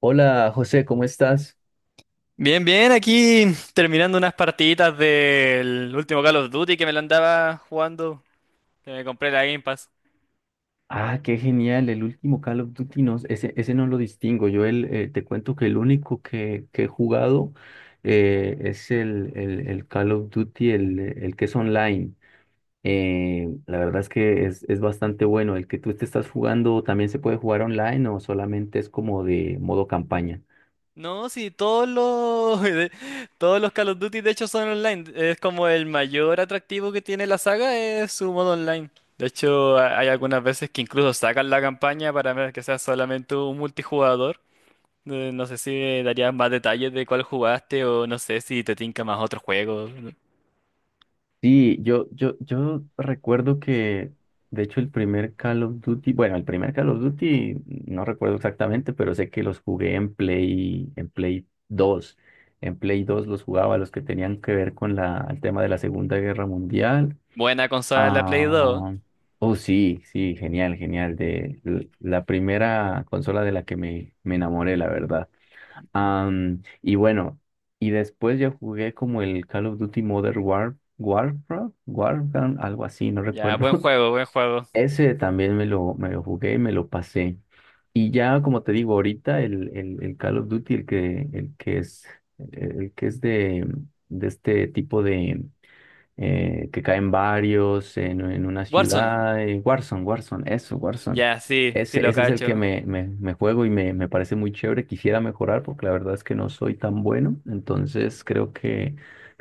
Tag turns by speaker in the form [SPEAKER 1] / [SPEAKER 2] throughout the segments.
[SPEAKER 1] Hola José, ¿cómo estás?
[SPEAKER 2] Bien, bien, aquí terminando unas partiditas del último Call of Duty que me lo andaba jugando, que me compré la Game Pass.
[SPEAKER 1] Ah, qué genial, el último Call of Duty, no, ese no lo distingo. Yo te cuento que el único que he jugado es el Call of Duty, el que es online. La verdad es que es bastante bueno. ¿El que tú te estás jugando también se puede jugar online o solamente es como de modo campaña?
[SPEAKER 2] No, sí, todos los todos los Call of Duty de hecho son online. Es como el mayor atractivo que tiene la saga es su modo online. De hecho, hay algunas veces que incluso sacan la campaña para ver que sea solamente un multijugador. No sé si darías más detalles de cuál jugaste o no sé si te tinca más otro juego.
[SPEAKER 1] Sí, yo recuerdo que, de hecho, el primer Call of Duty, bueno, el primer Call of Duty, no recuerdo exactamente, pero sé que los jugué en Play dos. En Play dos los jugaba, los que tenían que ver con el tema de la Segunda Guerra Mundial.
[SPEAKER 2] Buena consola la Play 2.
[SPEAKER 1] Ah, oh, sí, sí, genial, genial. La primera consola de la que me enamoré, la verdad. Y bueno, y después ya jugué como el Call of Duty Warfare, algo así, no
[SPEAKER 2] Ya,
[SPEAKER 1] recuerdo.
[SPEAKER 2] buen juego, buen juego.
[SPEAKER 1] Ese también me lo jugué y me lo pasé. Y ya, como te digo, ahorita el Call of Duty, el que es, el que es de, de este tipo de que caen varios en una
[SPEAKER 2] Warzone.
[SPEAKER 1] ciudad. Eso, Warzone.
[SPEAKER 2] Ya, sí, sí lo
[SPEAKER 1] Ese es el que
[SPEAKER 2] cacho.
[SPEAKER 1] me juego y me parece muy chévere. Quisiera mejorar porque la verdad es que no soy tan bueno. Entonces creo que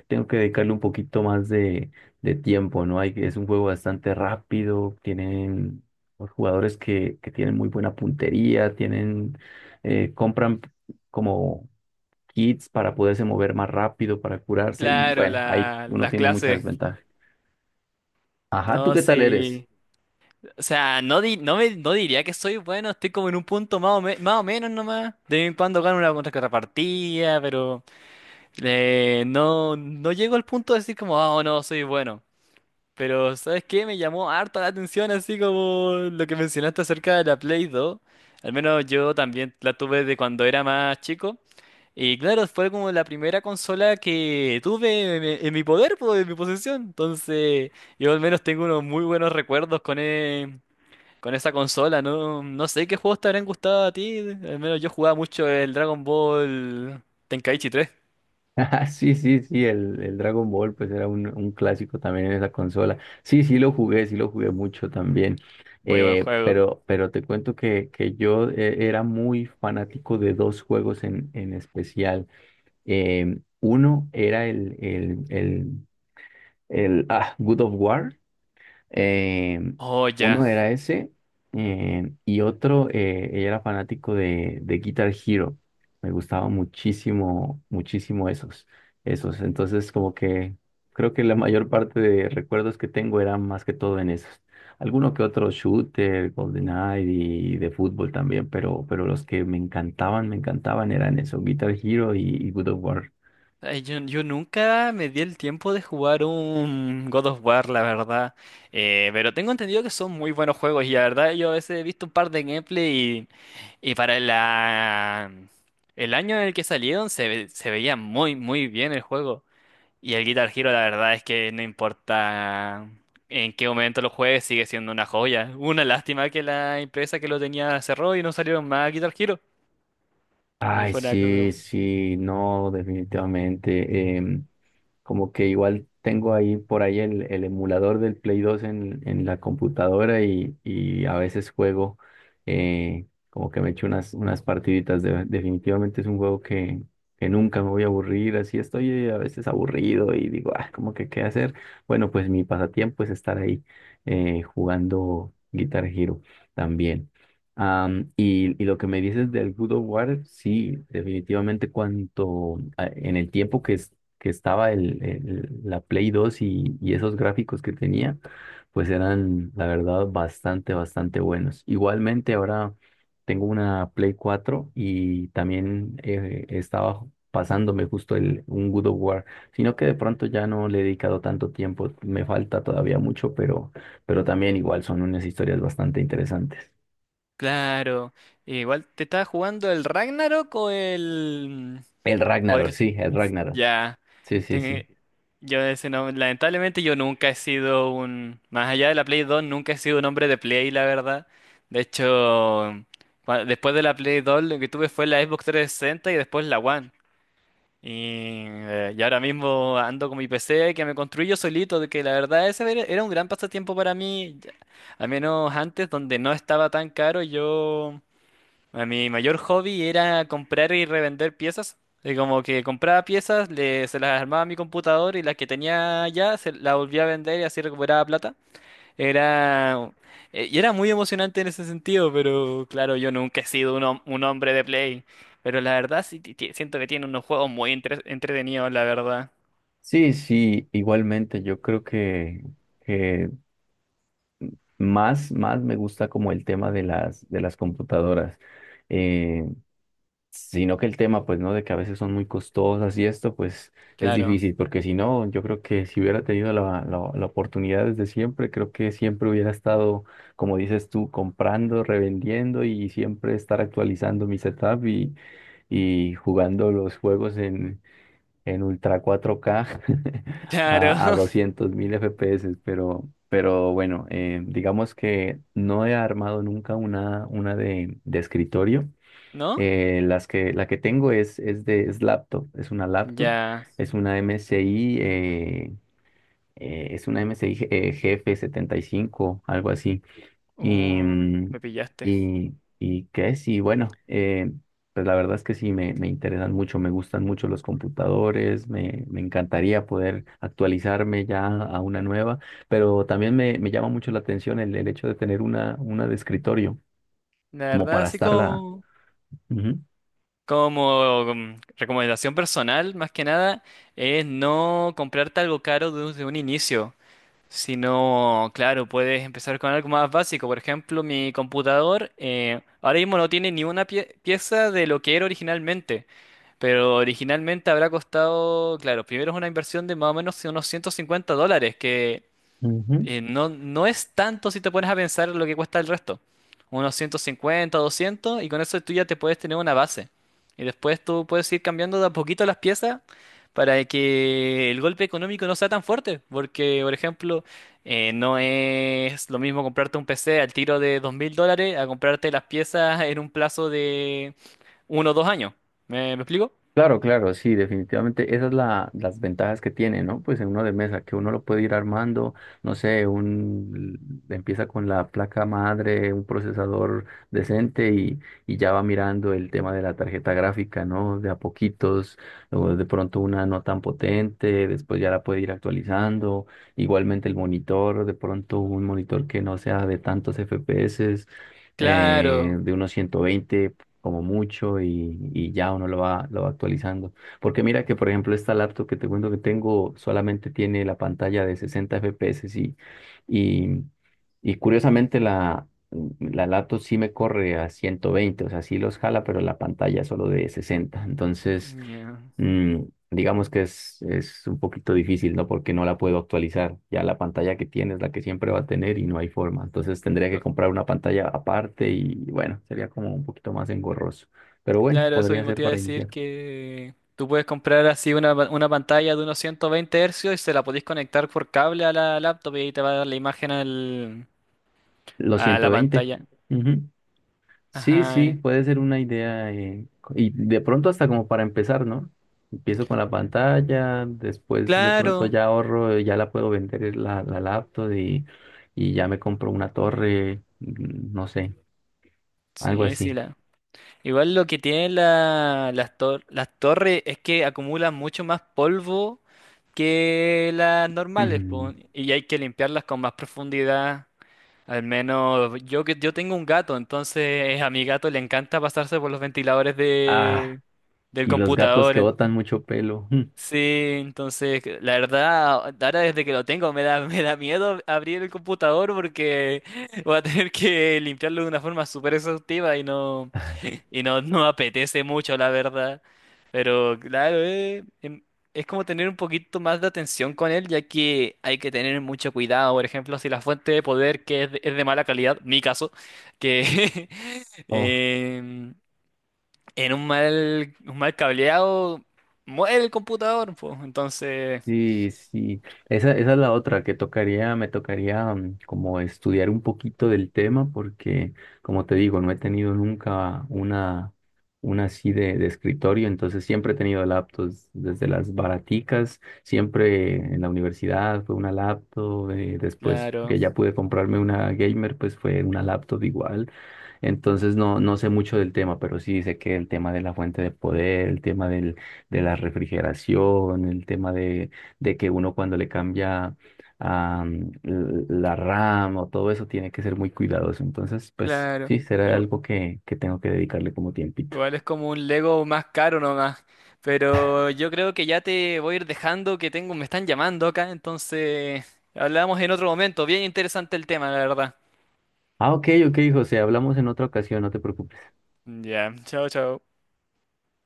[SPEAKER 1] tengo que dedicarle un poquito más de tiempo, ¿no? Es un juego bastante rápido. Tienen los jugadores que tienen muy buena puntería, compran como kits para poderse mover más rápido, para curarse y
[SPEAKER 2] Claro,
[SPEAKER 1] bueno, ahí
[SPEAKER 2] la,
[SPEAKER 1] uno
[SPEAKER 2] las
[SPEAKER 1] tiene mucha
[SPEAKER 2] clases.
[SPEAKER 1] desventaja. Ajá, ¿tú
[SPEAKER 2] No,
[SPEAKER 1] qué tal eres?
[SPEAKER 2] sí. O sea, no, no, no diría que soy bueno, estoy como en un punto más o, más o menos nomás. De vez en cuando gano una contrapartida, pero no, no llego al punto de decir como, ah, oh, no, soy bueno. Pero, ¿sabes qué? Me llamó harta la atención, así como lo que mencionaste acerca de la Play 2. Al menos yo también la tuve de cuando era más chico. Y claro, fue como la primera consola que tuve en mi poder, pues, en mi posesión. Entonces, yo al menos tengo unos muy buenos recuerdos con, con esa consola. No, no sé qué juegos te habrán gustado a ti. Al menos yo jugaba mucho el Dragon Ball Tenkaichi tres.
[SPEAKER 1] Ah, sí, sí, sí, el Dragon Ball pues era un clásico también en esa consola. Sí, sí lo jugué mucho también.
[SPEAKER 2] Muy buen juego.
[SPEAKER 1] Pero te cuento que yo era muy fanático de dos juegos en especial. Uno era el God of War. Eh,
[SPEAKER 2] Oh, ya.
[SPEAKER 1] uno era ese Y otro, ella era fanático de Guitar Hero. Me gustaba muchísimo, muchísimo esos. Entonces, como que creo que la mayor parte de recuerdos que tengo eran más que todo en esos. Alguno que otro shooter, GoldenEye y de fútbol también, pero los que me encantaban eran esos Guitar Hero y Good of War.
[SPEAKER 2] Ay, yo nunca me di el tiempo de jugar un God of War, la verdad. Pero tengo entendido que son muy buenos juegos y la verdad yo a veces he visto un par de gameplay y para el año en el que salieron se veía muy muy bien el juego. Y el Guitar Hero la verdad es que no importa en qué momento lo juegues, sigue siendo una joya. Una lástima que la empresa que lo tenía cerró y no salieron más Guitar Hero.
[SPEAKER 1] Ay,
[SPEAKER 2] Fue una
[SPEAKER 1] sí,
[SPEAKER 2] cosa...
[SPEAKER 1] sí, no, definitivamente. Como que igual tengo ahí por ahí el emulador del Play dos en la computadora y a veces juego, como que me echo unas partiditas. De- definitivamente es un juego que nunca me voy a aburrir, así estoy a veces aburrido y digo, ah, como que qué hacer. Bueno, pues mi pasatiempo es estar ahí jugando Guitar Hero también. Y, y lo que me dices del Good of War, sí, definitivamente cuanto en el tiempo que es que estaba la Play dos y esos gráficos que tenía, pues eran, la verdad, bastante, bastante buenos. Igualmente, ahora tengo una Play 4 y también estaba pasándome justo un God of War, sino que de pronto ya no le he dedicado tanto tiempo, me falta todavía mucho, pero también igual son unas historias bastante interesantes.
[SPEAKER 2] Claro. Igual, ¿te estaba jugando el Ragnarok o el que...
[SPEAKER 1] El Ragnarok.
[SPEAKER 2] Ya.
[SPEAKER 1] Sí, sí, sí.
[SPEAKER 2] Ten- Yo ese no... Lamentablemente yo nunca he sido un... Más allá de la Play 2, nunca he sido un hombre de Play, la verdad. De hecho, después de la Play 2 lo que tuve fue la Xbox 360 y después la One. Y ahora mismo ando con mi PC que me construí yo solito, de que la verdad ese era un gran pasatiempo para mí. Ya- Al menos antes, donde no estaba tan caro, yo... A mi mayor hobby era comprar y revender piezas. Y como que compraba piezas, se las armaba a mi computador y las que tenía ya se las volvía a vender y así recuperaba plata. Era, y era muy emocionante en ese sentido, pero claro, yo nunca he sido un, un hombre de Play. Pero la verdad sí siento que tiene unos juegos muy entretenidos, la verdad.
[SPEAKER 1] Sí, sí, igualmente yo creo que más, más me gusta como el tema de de las computadoras, eh, sino que el tema, pues, ¿no? De que a veces son muy costosas y esto, pues, es
[SPEAKER 2] Claro,
[SPEAKER 1] difícil, porque si no, yo creo que si hubiera tenido la oportunidad desde siempre, creo que siempre hubiera estado, como dices tú, comprando, revendiendo y siempre estar actualizando mi setup y jugando los juegos en Ultra 4K
[SPEAKER 2] claro,
[SPEAKER 1] a 200.000 FPS, pero bueno, digamos que no he armado nunca de escritorio.
[SPEAKER 2] ¿no?
[SPEAKER 1] La que tengo es laptop,
[SPEAKER 2] Ya.
[SPEAKER 1] es una MSI, es una MSI GF75, algo así. Y, mm,
[SPEAKER 2] Me pillaste.
[SPEAKER 1] y, y qué es, y bueno, pues la verdad es que sí, me interesan mucho, me gustan mucho los computadores, me encantaría poder actualizarme ya a una nueva, pero también me llama mucho la atención el hecho de tener una de escritorio,
[SPEAKER 2] La
[SPEAKER 1] como
[SPEAKER 2] verdad,
[SPEAKER 1] para
[SPEAKER 2] así
[SPEAKER 1] estarla.
[SPEAKER 2] como...
[SPEAKER 1] Ujú,
[SPEAKER 2] Como recomendación personal, más que nada, es no comprarte algo caro desde un inicio, sino, claro, puedes empezar con algo más básico. Por ejemplo, mi computador ahora mismo no tiene ni una pieza de lo que era originalmente, pero originalmente habrá costado, claro, primero es una inversión de más o menos unos $150, que
[SPEAKER 1] ujú.
[SPEAKER 2] no, no es tanto si te pones a pensar lo que cuesta el resto. Unos 150, 200 y con eso tú ya te puedes tener una base. Y después tú puedes ir cambiando de a poquito las piezas para que el golpe económico no sea tan fuerte. Porque, por ejemplo, no es lo mismo comprarte un PC al tiro de $2,000 a comprarte las piezas en un plazo de uno o dos años. Me explico?
[SPEAKER 1] Claro, claro, sí, definitivamente esas son las ventajas que tiene, ¿no? Pues en uno de mesa, que uno lo puede ir armando, no sé, empieza con la placa madre, un procesador decente y ya va mirando el tema de la tarjeta gráfica, ¿no? De a poquitos, luego de pronto una no tan potente, después ya la puede ir actualizando, igualmente el monitor, de pronto un monitor que no sea de tantos FPS,
[SPEAKER 2] Claro.
[SPEAKER 1] de unos 120 como mucho y ya uno lo va actualizando. Porque mira que, por ejemplo, esta laptop que te cuento que tengo solamente tiene la pantalla de 60 FPS y, y, y curiosamente la laptop sí me corre a ciento veinte, o sea, sí los jala, pero la pantalla solo de sesenta. Entonces, mm, digamos que es un poquito difícil, ¿no? Porque no la puedo actualizar. Ya la pantalla que tiene es la que siempre va a tener y no hay forma. Entonces tendría que
[SPEAKER 2] Ya.
[SPEAKER 1] comprar una pantalla aparte y bueno, sería como un poquito más engorroso. Pero bueno,
[SPEAKER 2] Claro, eso
[SPEAKER 1] podría
[SPEAKER 2] mismo
[SPEAKER 1] ser
[SPEAKER 2] te iba a
[SPEAKER 1] para
[SPEAKER 2] decir
[SPEAKER 1] iniciar.
[SPEAKER 2] que tú puedes comprar así una pantalla de unos 120 hercios y se la podéis conectar por cable a la laptop y ahí te va a dar la imagen
[SPEAKER 1] Los
[SPEAKER 2] a la
[SPEAKER 1] 120.
[SPEAKER 2] pantalla.
[SPEAKER 1] Ujú. Sí, sí,
[SPEAKER 2] Ajá.
[SPEAKER 1] puede ser una idea. Y de pronto hasta como para empezar, ¿no? Empiezo con la pantalla, después de pronto
[SPEAKER 2] Claro.
[SPEAKER 1] ya ahorro, ya la puedo vender la laptop y ya me compro una torre, mm, no sé, algo
[SPEAKER 2] Sí, sí,
[SPEAKER 1] así.
[SPEAKER 2] la. Igual lo que tienen las torres es que acumulan mucho más polvo que las normales,
[SPEAKER 1] Mm,
[SPEAKER 2] po, y hay que limpiarlas con más profundidad. Al menos yo tengo un gato, entonces a mi gato le encanta pasarse por los ventiladores
[SPEAKER 1] ah,
[SPEAKER 2] de del
[SPEAKER 1] y los gatos
[SPEAKER 2] computador.
[SPEAKER 1] que
[SPEAKER 2] En-
[SPEAKER 1] botan mucho pelo. Mm,
[SPEAKER 2] Sí, entonces la verdad, ahora desde que lo tengo me da me da miedo abrir el computador porque voy a tener que limpiarlo de una forma súper exhaustiva
[SPEAKER 1] ah,
[SPEAKER 2] y no, no me apetece mucho, la verdad. Pero claro, es como tener un poquito más de atención con él, ya que hay que tener mucho cuidado. Por ejemplo, si la fuente de poder que es es de mala calidad, mi caso, que
[SPEAKER 1] oh,
[SPEAKER 2] em, en un mal cableado muere el computador, pues. Entonces,
[SPEAKER 1] sí, sí, esa es la otra que tocaría, me tocaría mm, como estudiar un poquito del tema porque, como te digo, no he tenido nunca una así de escritorio, entonces siempre he tenido laptops, desde las baraticas, siempre en la universidad fue una laptop, después
[SPEAKER 2] claro,
[SPEAKER 1] que ya pude comprarme una gamer, pues fue una laptop igual, entonces no, no sé mucho del tema, pero sí sé que el tema de la fuente de poder, el tema de la refrigeración, el tema de que uno cuando le cambia la RAM o todo eso tiene que ser muy cuidadoso. Entonces, pues
[SPEAKER 2] claro.
[SPEAKER 1] sí, será algo que tengo que dedicarle como tiempito.
[SPEAKER 2] Igual es como un Lego más caro nomás. Pero yo creo que ya te voy a ir dejando, que tengo, me están llamando acá, entonces hablamos en otro momento. Bien interesante el tema, la verdad.
[SPEAKER 1] Ah, ok, ok, José, hablamos en otra ocasión, no te preocupes.
[SPEAKER 2] Ya, chao, chao.